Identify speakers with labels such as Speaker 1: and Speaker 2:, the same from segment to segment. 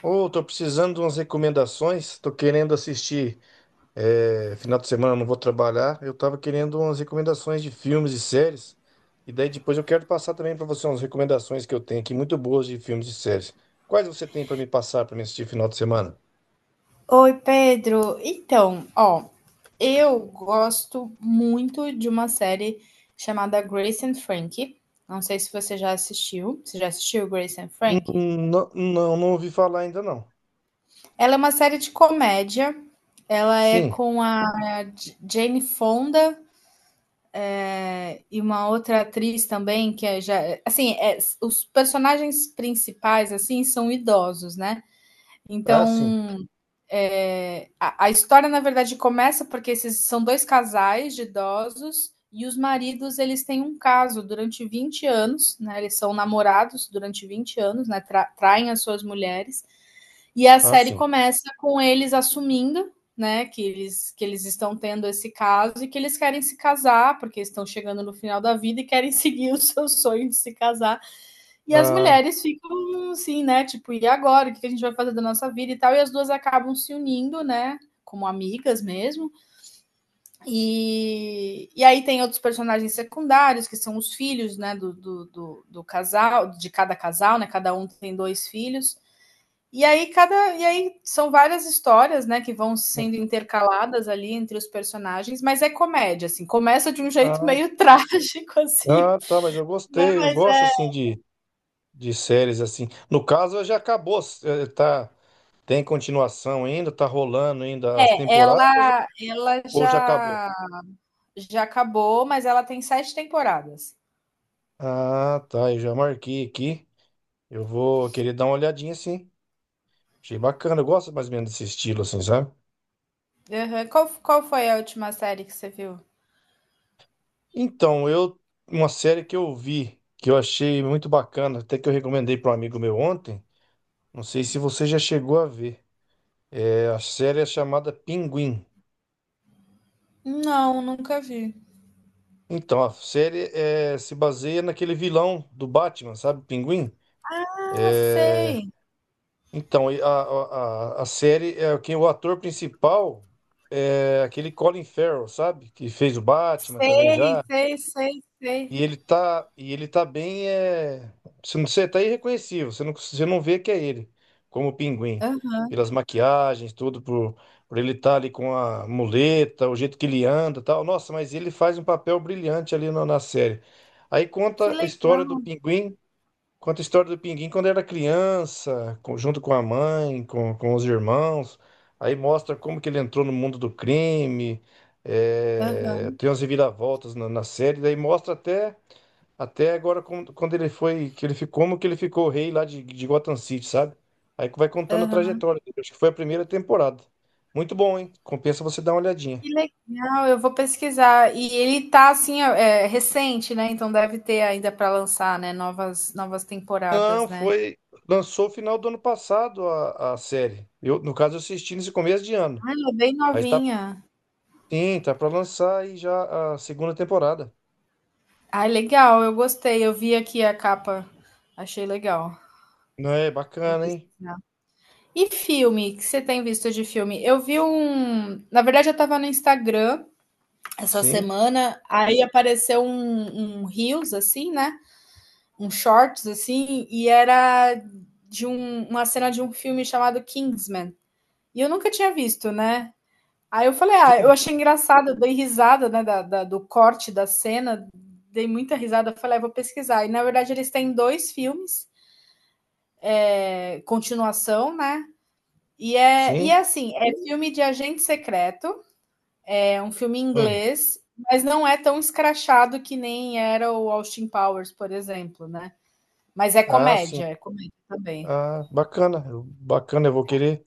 Speaker 1: Ô, tô precisando de umas recomendações. Tô querendo assistir. Final de semana eu não vou trabalhar. Eu tava querendo umas recomendações de filmes e séries. E daí depois eu quero passar também pra você umas recomendações que eu tenho aqui, muito boas de filmes e séries. Quais você tem pra me passar pra me assistir final de semana?
Speaker 2: Oi, Pedro. Então, ó, eu gosto muito de uma série chamada Grace and Frankie. Não sei se você já assistiu. Você já assistiu Grace and Frankie?
Speaker 1: Hum, Não, não ouvi falar ainda não.
Speaker 2: Ela é uma série de comédia. Ela é
Speaker 1: Sim.
Speaker 2: com a Jane Fonda e uma outra atriz também que é já, assim, os personagens principais assim são idosos, né?
Speaker 1: Ah, sim.
Speaker 2: Então é, a história, na verdade, começa porque esses são dois casais de idosos e os maridos eles têm um caso durante 20 anos, né? Eles são namorados durante 20 anos, né? Traem as suas mulheres. E a
Speaker 1: Ah,
Speaker 2: série
Speaker 1: sim.
Speaker 2: começa com eles assumindo, né, que eles estão tendo esse caso e que eles querem se casar, porque estão chegando no final da vida e querem seguir o seu sonho de se casar. E as
Speaker 1: Ah,
Speaker 2: mulheres ficam assim, né? Tipo, e agora? O que a gente vai fazer da nossa vida e tal? E as duas acabam se unindo, né? Como amigas mesmo. E aí tem outros personagens secundários, que são os filhos, né? Do casal, de cada casal, né? Cada um tem dois filhos. E aí são várias histórias, né, que vão sendo intercaladas ali entre os personagens, mas é comédia assim, começa de um jeito
Speaker 1: ah,
Speaker 2: meio trágico assim,
Speaker 1: tá, mas eu
Speaker 2: né,
Speaker 1: gostei. Eu
Speaker 2: mas
Speaker 1: gosto
Speaker 2: é,
Speaker 1: assim de séries assim. No caso, já acabou. Tá. Tem continuação ainda? Tá rolando ainda as
Speaker 2: é
Speaker 1: temporadas
Speaker 2: ela ela
Speaker 1: ou já acabou?
Speaker 2: já Já acabou, mas ela tem sete temporadas.
Speaker 1: Ah, tá. Eu já marquei aqui. Eu vou querer dar uma olhadinha, sim. Achei bacana. Eu gosto mais ou menos desse estilo, assim, sabe?
Speaker 2: Uhum. Qual foi a última série que você viu?
Speaker 1: Então, eu. Uma série que eu vi, que eu achei muito bacana, até que eu recomendei para um amigo meu ontem. Não sei se você já chegou a ver. É, a série é chamada Pinguim.
Speaker 2: Não, nunca vi.
Speaker 1: Então, a série é, se baseia naquele vilão do Batman, sabe? Pinguim.
Speaker 2: Ah,
Speaker 1: É.
Speaker 2: sei.
Speaker 1: Então, e a série, é, quem o ator principal é aquele Colin Farrell, sabe? Que fez o Batman também
Speaker 2: Sei,
Speaker 1: já.
Speaker 2: sei, sei, sei.
Speaker 1: E ele tá bem, é... você tá irreconhecível, você não vê que é ele, como o Pinguim.
Speaker 2: Aham.
Speaker 1: Pelas maquiagens, tudo, por ele estar ali com a muleta, o jeito que ele anda e tal. Nossa, mas ele faz um papel brilhante ali na série. Aí
Speaker 2: Que
Speaker 1: conta a história
Speaker 2: legal.
Speaker 1: do Pinguim. Conta a história do Pinguim quando era criança, junto com a mãe, com os irmãos. Aí mostra como que ele entrou no mundo do crime, é,
Speaker 2: Aham,
Speaker 1: tem umas reviravoltas na série. Daí mostra até, até agora quando ele foi, que ele ficou, como que ele ficou rei lá de Gotham City, sabe? Aí que vai contando a
Speaker 2: aham.
Speaker 1: trajetória dele. Acho que foi a primeira temporada. Muito bom, hein? Compensa você dar uma olhadinha.
Speaker 2: Que legal. Eu vou pesquisar. E ele tá assim, é recente, né? Então deve ter ainda para lançar, né? Novas
Speaker 1: Não,
Speaker 2: temporadas, né?
Speaker 1: foi. Lançou o final do ano passado a série. Eu, no caso, eu assisti nesse começo de ano.
Speaker 2: Ah, ela é bem
Speaker 1: Mas tá,
Speaker 2: novinha.
Speaker 1: sim, tá pra lançar aí já a segunda temporada.
Speaker 2: Ah, legal. Eu gostei. Eu vi aqui a capa. Achei legal.
Speaker 1: Não é
Speaker 2: Vou
Speaker 1: bacana, hein?
Speaker 2: pesquisar. E filme? O que você tem visto de filme? Eu vi um. Na verdade, eu tava no Instagram essa
Speaker 1: Sim.
Speaker 2: semana, aí apareceu um Reels, assim, né? Um Shorts, assim, e era uma cena de um filme chamado Kingsman. E eu nunca tinha visto, né? Aí eu falei, ah, eu
Speaker 1: King.
Speaker 2: achei engraçado, eu dei risada, né, do corte da cena, dei muita risada, eu falei, ah, vou pesquisar. E na verdade eles têm dois filmes, é, continuação, né? E é,
Speaker 1: Sim.
Speaker 2: assim, é filme de agente secreto. É um filme
Speaker 1: Hum.
Speaker 2: inglês, mas não é tão escrachado que nem era o Austin Powers, por exemplo, né? Mas
Speaker 1: Ah, sim.
Speaker 2: é comédia também.
Speaker 1: Ah, bacana. Bacana,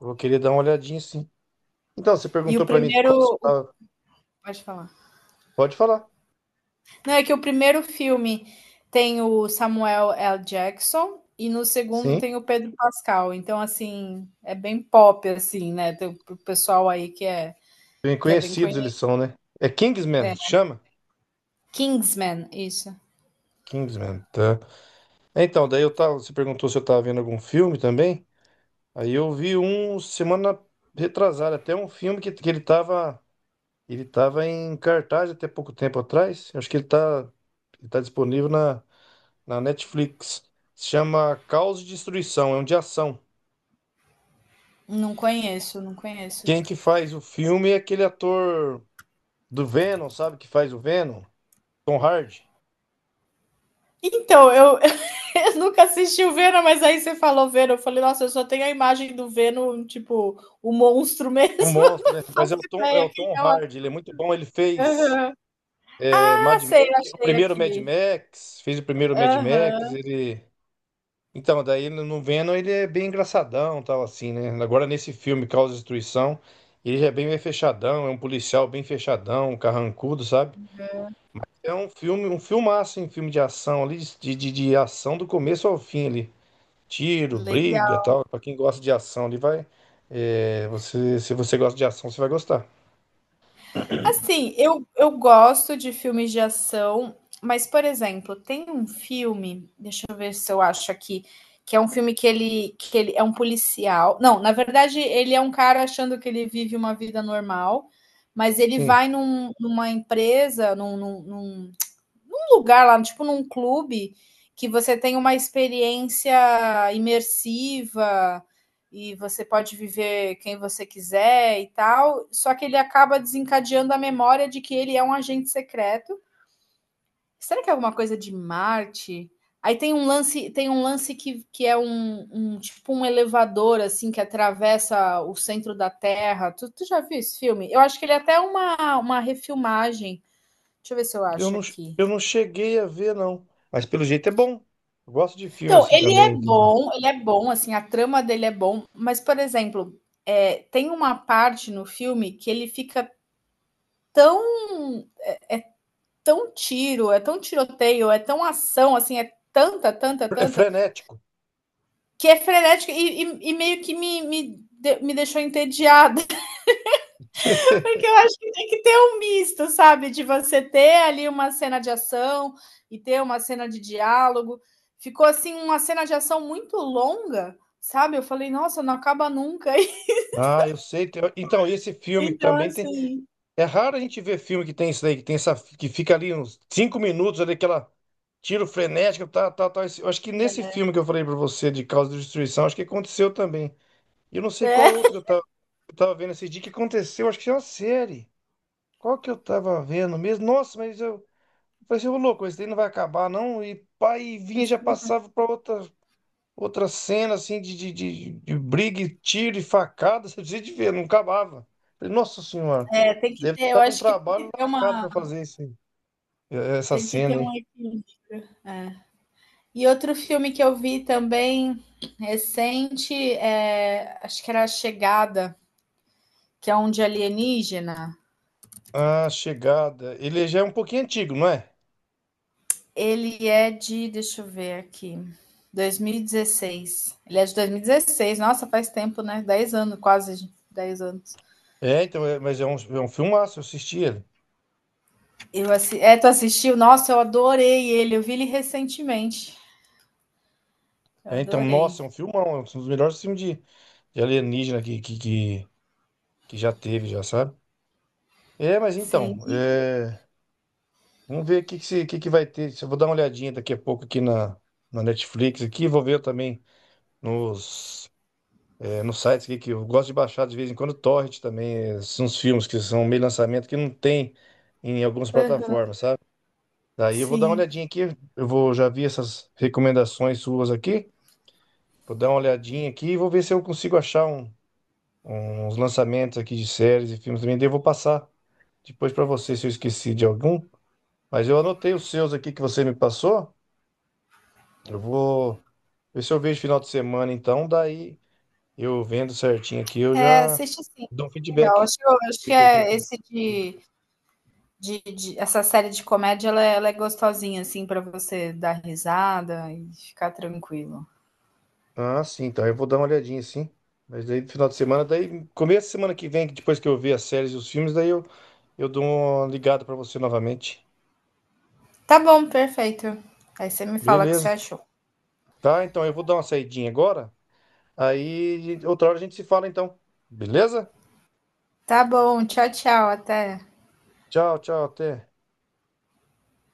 Speaker 1: eu vou querer dar uma olhadinha, sim. Então, você
Speaker 2: E o
Speaker 1: perguntou pra mim
Speaker 2: primeiro. Pode falar.
Speaker 1: pode falar.
Speaker 2: Não, é que o primeiro filme tem o Samuel L. Jackson e no segundo
Speaker 1: Sim.
Speaker 2: tem o Pedro Pascal. Então, assim, é bem pop, assim, né? Tem o pessoal aí que é,
Speaker 1: Bem
Speaker 2: que é bem
Speaker 1: conhecidos eles
Speaker 2: conhecido.
Speaker 1: são, né? É Kingsman, chama?
Speaker 2: Kingsman, isso.
Speaker 1: Kingsman, tá. Então, daí eu tava, você perguntou se eu tava vendo algum filme também. Aí eu vi um semana retrasada, até um filme que ele tava. Ele estava em cartaz até pouco tempo atrás. Eu acho que ele está, ele tá disponível na Netflix. Se chama Caos e Destruição, é um de ação.
Speaker 2: Não conheço, não conheço.
Speaker 1: Quem que faz o filme é aquele ator do Venom, sabe? Que faz o Venom? Tom Hardy.
Speaker 2: Então, Eu nunca assisti o Venom, mas aí você falou Venom. Eu falei, nossa, eu só tenho a imagem do Venom, tipo, o monstro
Speaker 1: Um
Speaker 2: mesmo.
Speaker 1: monstro,
Speaker 2: Não
Speaker 1: né? Mas
Speaker 2: faço
Speaker 1: é
Speaker 2: ideia
Speaker 1: o
Speaker 2: quem
Speaker 1: Tom
Speaker 2: é o.
Speaker 1: Hardy, ele é muito bom. Ele fez,
Speaker 2: Aham.
Speaker 1: é,
Speaker 2: Ah,
Speaker 1: Mad Max,
Speaker 2: sei,
Speaker 1: o
Speaker 2: achei
Speaker 1: primeiro Mad
Speaker 2: aqui.
Speaker 1: Max, fez o primeiro Mad Max,
Speaker 2: Aham.
Speaker 1: ele. Então, daí no Venom ele é bem engraçadão, tal assim, né? Agora nesse filme Causa e Destruição, ele já é bem fechadão, é um policial bem fechadão, um carrancudo, sabe? É um filme, um filmaço, em filme de ação ali, de ação do começo ao fim ali. Tiro, briga,
Speaker 2: Legal.
Speaker 1: tal. Pra quem gosta de ação, ele vai. É, você, se você gosta de ação, você vai gostar.
Speaker 2: Assim, eu gosto de filmes de ação, mas, por exemplo, tem um filme, deixa eu ver se eu acho aqui, que é um filme que ele é um policial. Não, na verdade, ele é um cara achando que ele vive uma vida normal, mas ele
Speaker 1: Sim.
Speaker 2: vai numa empresa, num lugar lá, tipo num clube, que você tem uma experiência imersiva e você pode viver quem você quiser e tal. Só que ele acaba desencadeando a memória de que ele é um agente secreto. Será que é alguma coisa de Marte? Aí tem um lance que é um tipo um elevador assim que atravessa o centro da Terra. Tu já viu esse filme? Eu acho que ele é até uma refilmagem. Deixa eu ver se eu
Speaker 1: Eu
Speaker 2: acho
Speaker 1: não,
Speaker 2: aqui.
Speaker 1: eu não cheguei a ver, não. Mas pelo jeito é bom. Eu gosto de filme
Speaker 2: Então,
Speaker 1: assim também.
Speaker 2: ele é bom, assim, a trama dele é bom, mas, por exemplo, é, tem uma parte no filme que ele fica tão, tão tiro, é tão tiroteio, é tão ação, assim, é tanta, tanta,
Speaker 1: É
Speaker 2: tanta,
Speaker 1: frenético.
Speaker 2: que é frenética e meio que me deixou entediada, porque eu acho que tem que ter um misto, sabe? De você ter ali uma cena de ação e ter uma cena de diálogo. Ficou, assim, uma cena de ação muito longa, sabe? Eu falei, nossa, não acaba nunca.
Speaker 1: Ah, eu sei. Então, esse filme
Speaker 2: Então,
Speaker 1: também tem.
Speaker 2: assim,
Speaker 1: É raro a gente ver filme que tem isso daí, que tem essa. Que fica ali uns 5 minutos ali, aquela tiro frenético, tá, tá, tá. Eu acho que nesse filme que eu falei pra você, de Causa de Destruição, acho que aconteceu também. E eu não sei qual
Speaker 2: é.
Speaker 1: outro eu tava vendo esse dia que aconteceu, acho que é uma série. Qual que eu tava vendo mesmo? Nossa, mas eu. Eu falei assim, ô louco, esse daí não vai acabar, não. E pai, vinha e já passava pra outra. Outra cena assim de briga, e tiro e facada, você precisa de ver, não acabava. Falei, nossa senhora,
Speaker 2: É, tem que
Speaker 1: deve ter
Speaker 2: ter, eu
Speaker 1: dado um
Speaker 2: acho que
Speaker 1: trabalho lascado para fazer esse, essa
Speaker 2: tem que ter
Speaker 1: cena
Speaker 2: um
Speaker 1: aí.
Speaker 2: equilíbrio. É. E outro filme que eu vi também recente, é, acho que era A Chegada, que é um de alienígena.
Speaker 1: A Chegada, ele já é um pouquinho antigo, não é?
Speaker 2: Ele é de, deixa eu ver aqui, 2016. Ele é de 2016, nossa, faz tempo, né? 10 anos, quase 10 anos.
Speaker 1: É, então, mas é um filmaço, eu assisti ele.
Speaker 2: É, tu assistiu? Nossa, eu adorei ele, eu vi ele recentemente. Eu
Speaker 1: É, então,
Speaker 2: adorei.
Speaker 1: nossa, é um filmão, é um dos melhores filmes de alienígena que já teve, já sabe? É, mas
Speaker 2: Sim,
Speaker 1: então, é, vamos ver o que, que, que vai ter. Eu vou dar uma olhadinha daqui a pouco aqui na Netflix aqui, vou ver também. Nos, eh, nos sites que eu gosto de baixar de vez em quando, torrent também, eh, são uns filmes que são meio lançamento que não tem em algumas
Speaker 2: aham,
Speaker 1: plataformas, sabe? Daí eu vou dar uma
Speaker 2: sim.
Speaker 1: olhadinha aqui, eu vou, já vi essas recomendações suas aqui, vou dar uma olhadinha aqui e vou ver se eu consigo achar uns lançamentos aqui de séries e filmes também, daí eu vou passar depois para você se eu esqueci de algum, mas eu anotei os seus aqui que você me passou, eu vou ver se eu vejo final de semana então, daí... Eu vendo certinho aqui, eu
Speaker 2: É,
Speaker 1: já
Speaker 2: assiste sim,
Speaker 1: dou
Speaker 2: vai
Speaker 1: um
Speaker 2: ser legal.
Speaker 1: feedback.
Speaker 2: Acho eu acho que é esse de essa série de comédia, ela é gostosinha, assim, pra você dar risada e ficar tranquilo.
Speaker 1: Ah, sim, então eu vou dar uma olhadinha, sim. Mas daí no final de semana, daí começo da semana que vem, que depois que eu ver as séries e os filmes, daí eu dou uma ligada pra você novamente.
Speaker 2: Tá bom, perfeito. Aí você me fala o que você
Speaker 1: Beleza.
Speaker 2: achou.
Speaker 1: Tá, então eu vou dar uma saidinha agora. Aí outra hora a gente se fala então. Beleza?
Speaker 2: Tá bom, tchau, tchau, até.
Speaker 1: Tchau, tchau, até.